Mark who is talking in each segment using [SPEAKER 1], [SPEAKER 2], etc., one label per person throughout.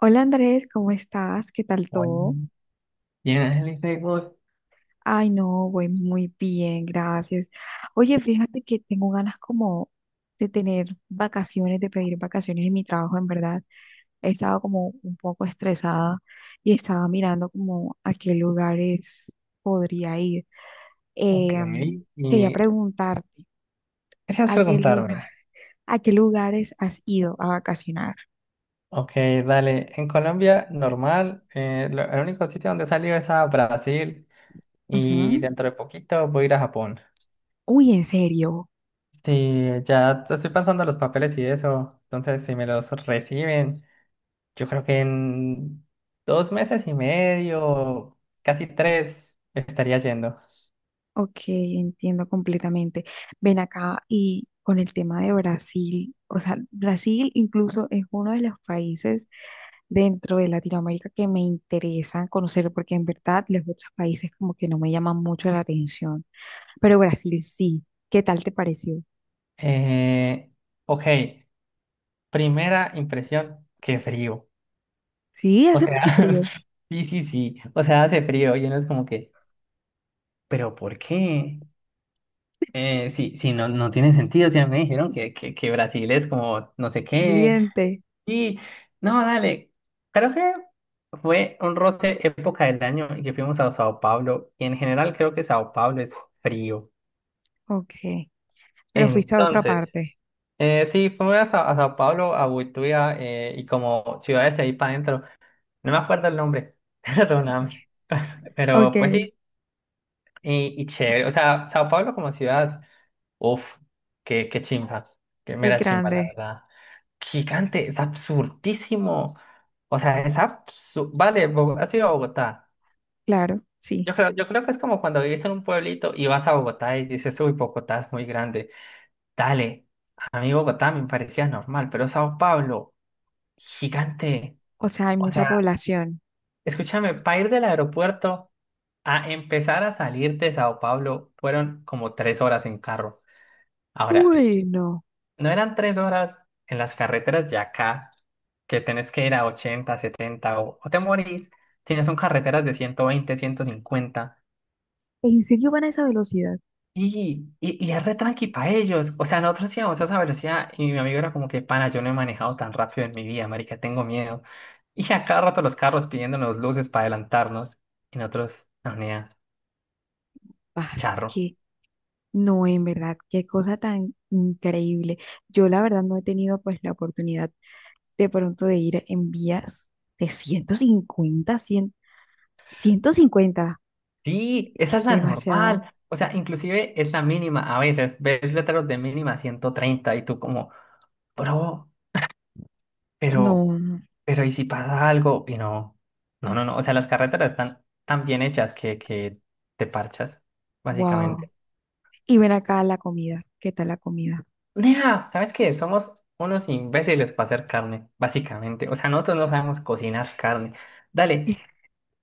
[SPEAKER 1] Hola Andrés, ¿cómo estás? ¿Qué tal todo?
[SPEAKER 2] Muy bien, el Facebook.
[SPEAKER 1] Ay, no, voy muy bien, gracias. Oye, fíjate que tengo ganas como de tener vacaciones, de pedir vacaciones en mi trabajo, en verdad. He estado como un poco estresada y estaba mirando como a qué lugares podría ir.
[SPEAKER 2] Ok.
[SPEAKER 1] Quería
[SPEAKER 2] Y
[SPEAKER 1] preguntarte,
[SPEAKER 2] gracias
[SPEAKER 1] ¿a
[SPEAKER 2] por
[SPEAKER 1] qué lugar,
[SPEAKER 2] preguntarme.
[SPEAKER 1] a qué lugares has ido a vacacionar?
[SPEAKER 2] Ok, dale. En Colombia, normal. El único sitio donde he salido es a Brasil. Y
[SPEAKER 1] Ujú.
[SPEAKER 2] dentro de poquito voy a ir a Japón.
[SPEAKER 1] Uy, ¿en serio?
[SPEAKER 2] Sí, ya estoy pensando en los papeles y eso. Entonces, si me los reciben, yo creo que en 2 meses y medio, casi tres, estaría yendo.
[SPEAKER 1] Ok, entiendo completamente. Ven acá y con el tema de Brasil, o sea, Brasil incluso es uno de los países dentro de Latinoamérica que me interesa conocer porque en verdad los otros países como que no me llaman mucho la atención, pero Brasil sí. ¿Qué tal te pareció?
[SPEAKER 2] Eh, ok. Primera impresión, qué frío.
[SPEAKER 1] Sí,
[SPEAKER 2] O
[SPEAKER 1] hace
[SPEAKER 2] sea,
[SPEAKER 1] mucho frío,
[SPEAKER 2] sí, sí, sí. O sea, hace frío y uno es como que, ¿pero por qué? Sí, sí, no, no tiene sentido. O sea, me dijeron que Brasil es como no sé qué.
[SPEAKER 1] caliente.
[SPEAKER 2] Y no, dale. Creo que fue un roce época del año y que fuimos a Sao Paulo. Y en general creo que Sao Paulo es frío.
[SPEAKER 1] Ok, pero fuiste a otra
[SPEAKER 2] Entonces,
[SPEAKER 1] parte.
[SPEAKER 2] sí, fuimos a Sao Paulo, a Buituia y como ciudades ahí para adentro. No me acuerdo el nombre. Perdóname.
[SPEAKER 1] Ok,
[SPEAKER 2] Pero pues
[SPEAKER 1] es
[SPEAKER 2] sí. Y chévere, o sea, Sao Paulo como ciudad, uff, qué chimba, qué mera chimba, la
[SPEAKER 1] grande,
[SPEAKER 2] verdad. Gigante, es absurdísimo. O sea, es absurdo. Vale, has ido a Bogotá.
[SPEAKER 1] claro, sí.
[SPEAKER 2] Yo creo que es como cuando vivís en un pueblito y vas a Bogotá y dices, uy, Bogotá es muy grande. Dale, a mí Bogotá me parecía normal, pero Sao Paulo, gigante.
[SPEAKER 1] O sea, hay
[SPEAKER 2] O
[SPEAKER 1] mucha
[SPEAKER 2] sea,
[SPEAKER 1] población.
[SPEAKER 2] escúchame, para ir del aeropuerto a empezar a salir de Sao Paulo fueron como 3 horas en carro. Ahora,
[SPEAKER 1] Bueno.
[SPEAKER 2] No eran 3 horas en las carreteras de acá, que tenés que ir a 80 70 o te morís, sino son carreteras de 120 150.
[SPEAKER 1] ¿En serio van a esa velocidad?
[SPEAKER 2] Y es re tranqui para ellos. O sea, nosotros íbamos a esa velocidad y mi amigo era como que, pana, yo no he manejado tan rápido en mi vida, marica, tengo miedo. Y a cada rato los carros pidiéndonos luces para adelantarnos y nosotros, no, nea,
[SPEAKER 1] Ah, es
[SPEAKER 2] charro.
[SPEAKER 1] que no, en verdad, qué cosa tan increíble. Yo la verdad no he tenido pues la oportunidad de pronto de ir en vías de 150, 100, 150,
[SPEAKER 2] Sí,
[SPEAKER 1] que
[SPEAKER 2] esa es
[SPEAKER 1] es
[SPEAKER 2] la
[SPEAKER 1] demasiado.
[SPEAKER 2] normal. O sea, inclusive es la mínima. A veces ves letreros de mínima 130 y tú como, bro, Pero,
[SPEAKER 1] No,
[SPEAKER 2] pero ¿y si pasa algo? Y no, no, no, no. O sea, las carreteras están tan bien hechas que te parchas,
[SPEAKER 1] wow.
[SPEAKER 2] básicamente.
[SPEAKER 1] Y ven acá la comida, ¿qué tal la comida?
[SPEAKER 2] Nea, ¿sabes qué? Somos unos imbéciles para hacer carne, básicamente. O sea, nosotros no sabemos cocinar carne. Dale,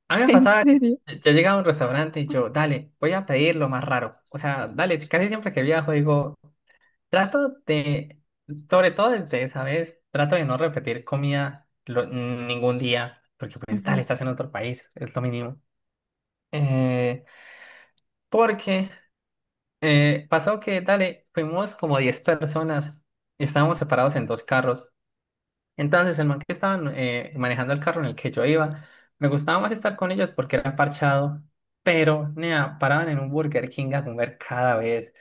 [SPEAKER 2] a mí me
[SPEAKER 1] ¿En
[SPEAKER 2] pasaba que
[SPEAKER 1] serio?
[SPEAKER 2] yo llegaba a un restaurante y yo, dale, voy a pedir lo más raro. O sea, dale, casi siempre que viajo digo, Trato de, sobre todo desde esa vez, trato de no repetir comida ningún día, porque pues
[SPEAKER 1] Ujú,
[SPEAKER 2] dale, estás en otro país, es lo mínimo. Eh, Porque pasó que, dale, fuimos como 10 personas y estábamos separados en dos carros. Entonces el man que estaba manejando el carro en el que yo iba, me gustaba más estar con ellos porque era parchado, pero nea, paraban en un Burger King a comer cada vez.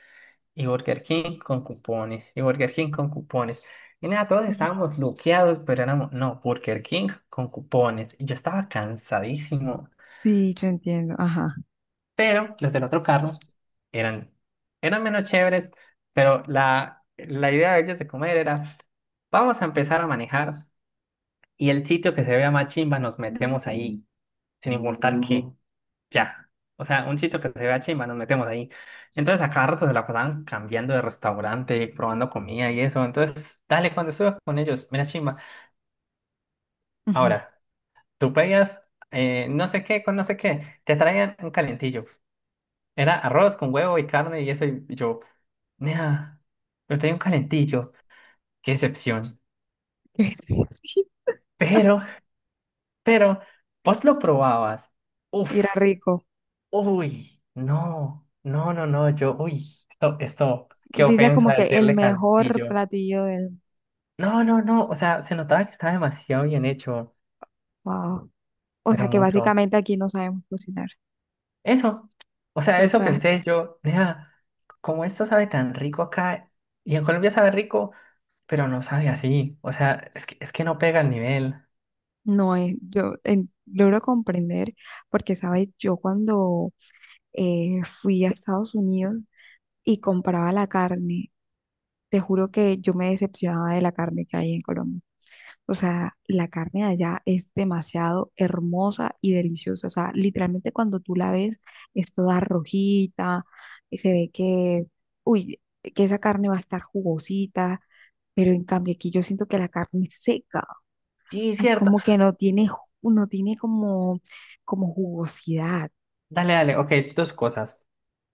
[SPEAKER 2] Y Burger King con cupones. Y Burger King con cupones. Y nada, todos
[SPEAKER 1] ujú.
[SPEAKER 2] estábamos bloqueados, pero éramos, no, Burger King con cupones. Y yo estaba cansadísimo.
[SPEAKER 1] Sí, yo entiendo, ajá.
[SPEAKER 2] Pero los del otro carro eran, eran menos chéveres, pero la idea de ellos de comer era, vamos a empezar a manejar y el sitio que se vea más chimba nos metemos ahí, sin importar qué. Ya. O sea, un sitio que se vea chimba, nos metemos ahí. Entonces, a cada rato se la pasaban cambiando de restaurante, probando comida y eso. Entonces, dale, cuando estuve con ellos, mira chimba.
[SPEAKER 1] Ujú.
[SPEAKER 2] Ahora, tú pedías no sé qué con no sé qué, te traían un calentillo. Era arroz con huevo y carne y eso. Y yo, nea, me traía un calentillo, qué excepción. Pero, pero, vos lo probabas. Uf.
[SPEAKER 1] Era rico.
[SPEAKER 2] Uy, no, no, no, no, yo, uy, esto, qué
[SPEAKER 1] Dice como
[SPEAKER 2] ofensa
[SPEAKER 1] que el
[SPEAKER 2] decirle
[SPEAKER 1] mejor
[SPEAKER 2] calentillo.
[SPEAKER 1] platillo del...
[SPEAKER 2] No, no, no, o sea, se notaba que estaba demasiado bien hecho,
[SPEAKER 1] Wow. O
[SPEAKER 2] pero
[SPEAKER 1] sea que
[SPEAKER 2] mucho.
[SPEAKER 1] básicamente aquí no sabemos cocinar.
[SPEAKER 2] Eso, o sea, eso
[SPEAKER 1] Total.
[SPEAKER 2] pensé yo, nea, como esto sabe tan rico acá, y en Colombia sabe rico, pero no sabe así, o sea, es que no pega el nivel.
[SPEAKER 1] No es, logro comprender porque, sabes, yo cuando fui a Estados Unidos y compraba la carne, te juro que yo me decepcionaba de la carne que hay en Colombia. O sea, la carne de allá es demasiado hermosa y deliciosa. O sea, literalmente cuando tú la ves es toda rojita, y se ve que, uy, que esa carne va a estar jugosita. Pero en cambio aquí yo siento que la carne es seca.
[SPEAKER 2] Sí,
[SPEAKER 1] Sea,
[SPEAKER 2] cierto.
[SPEAKER 1] como que no tiene, no tiene como jugosidad.
[SPEAKER 2] Dale, dale, ok, dos cosas.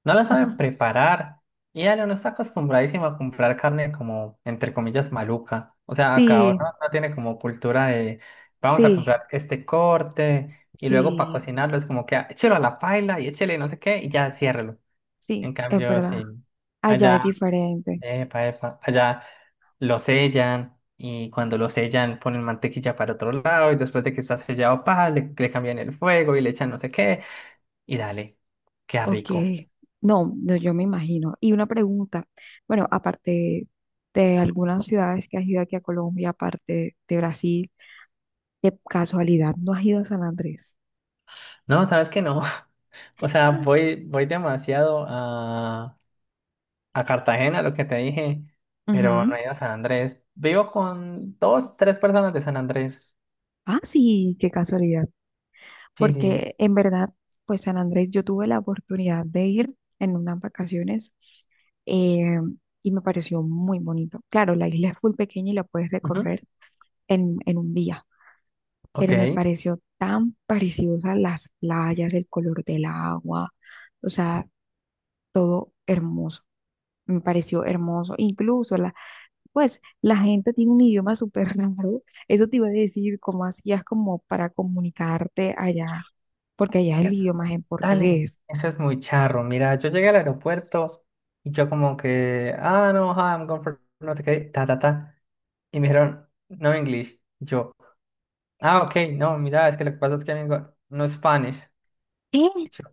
[SPEAKER 2] No la
[SPEAKER 1] Ujú.
[SPEAKER 2] saben preparar. Y Ale no está acostumbradísimo a comprar carne como, entre comillas, maluca. O sea, acá ahora
[SPEAKER 1] Sí,
[SPEAKER 2] no tiene como cultura de vamos a
[SPEAKER 1] sí,
[SPEAKER 2] comprar este corte y luego para
[SPEAKER 1] sí,
[SPEAKER 2] cocinarlo es como que "Ah, échelo a la paila y échele no sé qué y ya ciérrelo."
[SPEAKER 1] sí,
[SPEAKER 2] En
[SPEAKER 1] es
[SPEAKER 2] cambio,
[SPEAKER 1] verdad.
[SPEAKER 2] sí,
[SPEAKER 1] Allá es
[SPEAKER 2] allá,
[SPEAKER 1] diferente.
[SPEAKER 2] epa, epa, allá lo sellan y cuando lo sellan ponen mantequilla para otro lado y después de que está sellado, pa, le cambian el fuego y le echan no sé qué y dale, queda
[SPEAKER 1] Ok.
[SPEAKER 2] rico.
[SPEAKER 1] No, no, yo me imagino. Y una pregunta. Bueno, aparte de algunas ciudades que has ido aquí a Colombia, aparte de Brasil, de casualidad, ¿no has ido a San Andrés?
[SPEAKER 2] No, ¿sabes qué no? O sea, voy demasiado a Cartagena, lo que te dije, pero
[SPEAKER 1] Ujú.
[SPEAKER 2] no he ido a San Andrés. Vivo con dos, tres personas de San Andrés.
[SPEAKER 1] Ah, sí, qué casualidad.
[SPEAKER 2] Sí, sí.
[SPEAKER 1] Porque en verdad, pues San Andrés, yo tuve la oportunidad de ir en unas vacaciones eh, y me pareció muy bonito. Claro, la isla es muy pequeña y la puedes
[SPEAKER 2] Ujú.
[SPEAKER 1] recorrer en un día,
[SPEAKER 2] Ok.
[SPEAKER 1] pero me pareció tan preciosa las playas, el color del agua, o sea, todo hermoso. Me pareció hermoso. Incluso la, pues la gente tiene un idioma súper raro. Eso te iba a decir, cómo hacías como para comunicarte allá, porque allá el
[SPEAKER 2] Es,
[SPEAKER 1] idioma es en
[SPEAKER 2] dale,
[SPEAKER 1] portugués.
[SPEAKER 2] eso es muy charro. Mira, yo llegué al aeropuerto y yo como que, ah, no, hi, I'm going for no sé qué, ta, ta, ta. Y me dijeron, no English. Y yo, ah, ok, no, mira, es que lo que pasa es que vengo, no Spanish.
[SPEAKER 1] ¿Qué?
[SPEAKER 2] Y yo,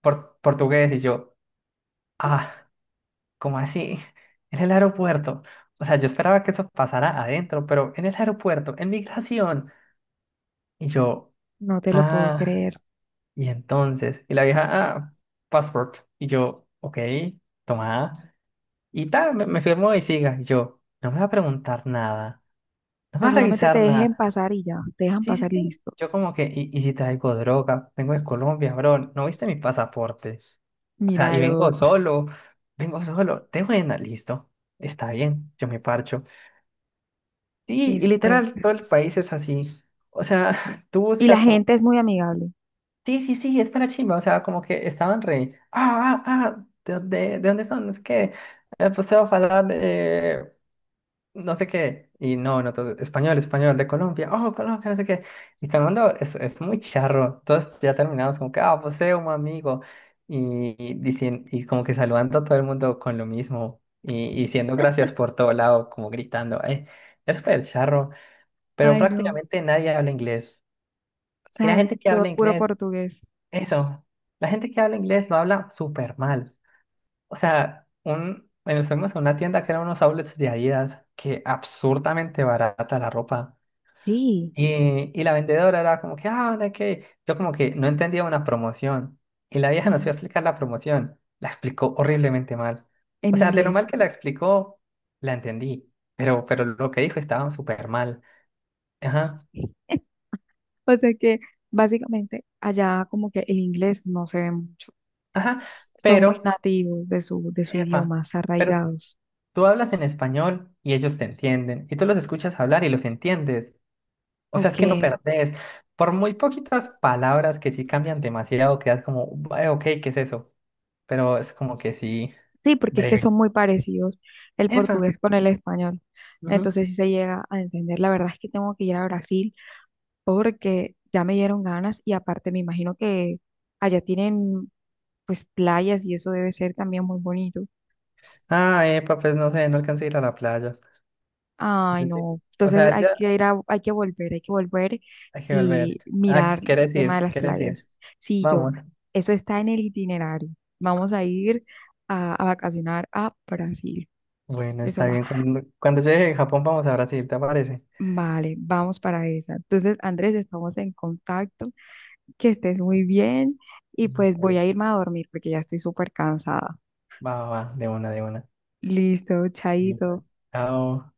[SPEAKER 2] Portugués." Y yo, ah. ¿Cómo así? En el aeropuerto. O sea, yo esperaba que eso pasara adentro, pero en el aeropuerto, en migración. Y yo,
[SPEAKER 1] No te lo puedo
[SPEAKER 2] ah,
[SPEAKER 1] creer. O
[SPEAKER 2] y entonces. Y la vieja, ah, passport. Y yo, ok, toma. Y tal, me firmó y siga. Y yo, no me va a preguntar nada. No me
[SPEAKER 1] sea,
[SPEAKER 2] va a
[SPEAKER 1] solamente te
[SPEAKER 2] revisar
[SPEAKER 1] dejen
[SPEAKER 2] nada.
[SPEAKER 1] pasar y ya, te dejan
[SPEAKER 2] Sí, sí,
[SPEAKER 1] pasar y
[SPEAKER 2] sí.
[SPEAKER 1] listo.
[SPEAKER 2] Yo como que, ¿y si traigo droga? Vengo de Colombia, bro. ¿No viste mi pasaporte? O sea,
[SPEAKER 1] Mira
[SPEAKER 2] y
[SPEAKER 1] lo otro.
[SPEAKER 2] vengo solo, de buena, listo, está bien, yo me parcho. Sí, y
[SPEAKER 1] Espe-
[SPEAKER 2] literal, todo el país es así. O sea, tú
[SPEAKER 1] Y la
[SPEAKER 2] buscas como,
[SPEAKER 1] gente es muy amigable.
[SPEAKER 2] sí, sí, sí, es para chimba. O sea, como que estaban re, ¿de dónde son? Es que, pues se va a hablar de no sé qué. Y no, no, todo, español, español, de Colombia, oh, Colombia, no sé qué. Y todo el mundo es muy charro. Todos ya terminamos como que, ah, pues un amigo. Y como que saludando a todo el mundo con lo mismo. Y diciendo gracias por todo lado, como gritando, es súper charro pero
[SPEAKER 1] Ay, no. O
[SPEAKER 2] prácticamente nadie habla inglés. Y la
[SPEAKER 1] sea,
[SPEAKER 2] gente que
[SPEAKER 1] todo
[SPEAKER 2] habla
[SPEAKER 1] puro
[SPEAKER 2] inglés,
[SPEAKER 1] portugués.
[SPEAKER 2] eso, la gente que habla inglés lo habla súper mal. O sea, bueno, fuimos a una tienda que eran unos outlets de Adidas, que absurdamente barata la ropa.
[SPEAKER 1] Sí,
[SPEAKER 2] Y la vendedora era como que, ah, no que... Yo como que no entendía una promoción. Y la vieja nos iba
[SPEAKER 1] ujú,
[SPEAKER 2] a explicar la promoción. La explicó horriblemente mal.
[SPEAKER 1] en
[SPEAKER 2] O sea, de lo
[SPEAKER 1] inglés.
[SPEAKER 2] mal que la explicó, la entendí. Pero lo que dijo estaba súper mal. Ajá,
[SPEAKER 1] O sea que básicamente allá como que el inglés no se ve mucho.
[SPEAKER 2] ajá.
[SPEAKER 1] Son muy
[SPEAKER 2] Pero...
[SPEAKER 1] nativos de su
[SPEAKER 2] Epa,
[SPEAKER 1] idioma, se
[SPEAKER 2] pero
[SPEAKER 1] arraigados.
[SPEAKER 2] tú hablas en español y ellos te entienden, y tú los escuchas hablar y los entiendes. O sea, es
[SPEAKER 1] Ok.
[SPEAKER 2] que no perdés. Por muy poquitas palabras que sí cambian demasiado, quedas como, ok, ¿qué es eso?" Pero es como que sí,
[SPEAKER 1] Sí, porque es que
[SPEAKER 2] breve.
[SPEAKER 1] son muy parecidos el
[SPEAKER 2] Epa,
[SPEAKER 1] portugués con el español.
[SPEAKER 2] ujú.
[SPEAKER 1] Entonces, si se llega a entender, la verdad es que tengo que ir a Brasil porque ya me dieron ganas y aparte me imagino que allá tienen pues playas y eso debe ser también muy bonito.
[SPEAKER 2] Ah, epa, pues no sé, no alcancé a ir a la playa.
[SPEAKER 1] Ay,
[SPEAKER 2] Yo llegué-
[SPEAKER 1] no.
[SPEAKER 2] O
[SPEAKER 1] Entonces
[SPEAKER 2] sea, ya
[SPEAKER 1] hay que volver
[SPEAKER 2] hay que volver.
[SPEAKER 1] y mirar
[SPEAKER 2] Ah,
[SPEAKER 1] el
[SPEAKER 2] ¿quieres
[SPEAKER 1] tema de
[SPEAKER 2] ir?
[SPEAKER 1] las
[SPEAKER 2] ¿Quieres ir?
[SPEAKER 1] playas. Sí, yo,
[SPEAKER 2] Vamos.
[SPEAKER 1] eso está en el itinerario. Vamos a ir a vacacionar a Brasil.
[SPEAKER 2] Bueno,
[SPEAKER 1] Eso
[SPEAKER 2] está
[SPEAKER 1] va.
[SPEAKER 2] bien. Cuando llegue a Japón, vamos a Brasil, ¿te parece?
[SPEAKER 1] Vale, vamos para esa. Entonces, Andrés, estamos en contacto. Que estés muy bien y pues
[SPEAKER 2] Listo,
[SPEAKER 1] voy a
[SPEAKER 2] listo.
[SPEAKER 1] irme a dormir porque ya estoy súper cansada.
[SPEAKER 2] Va, va, va, de una, de una.
[SPEAKER 1] Listo, chaito.
[SPEAKER 2] Chao.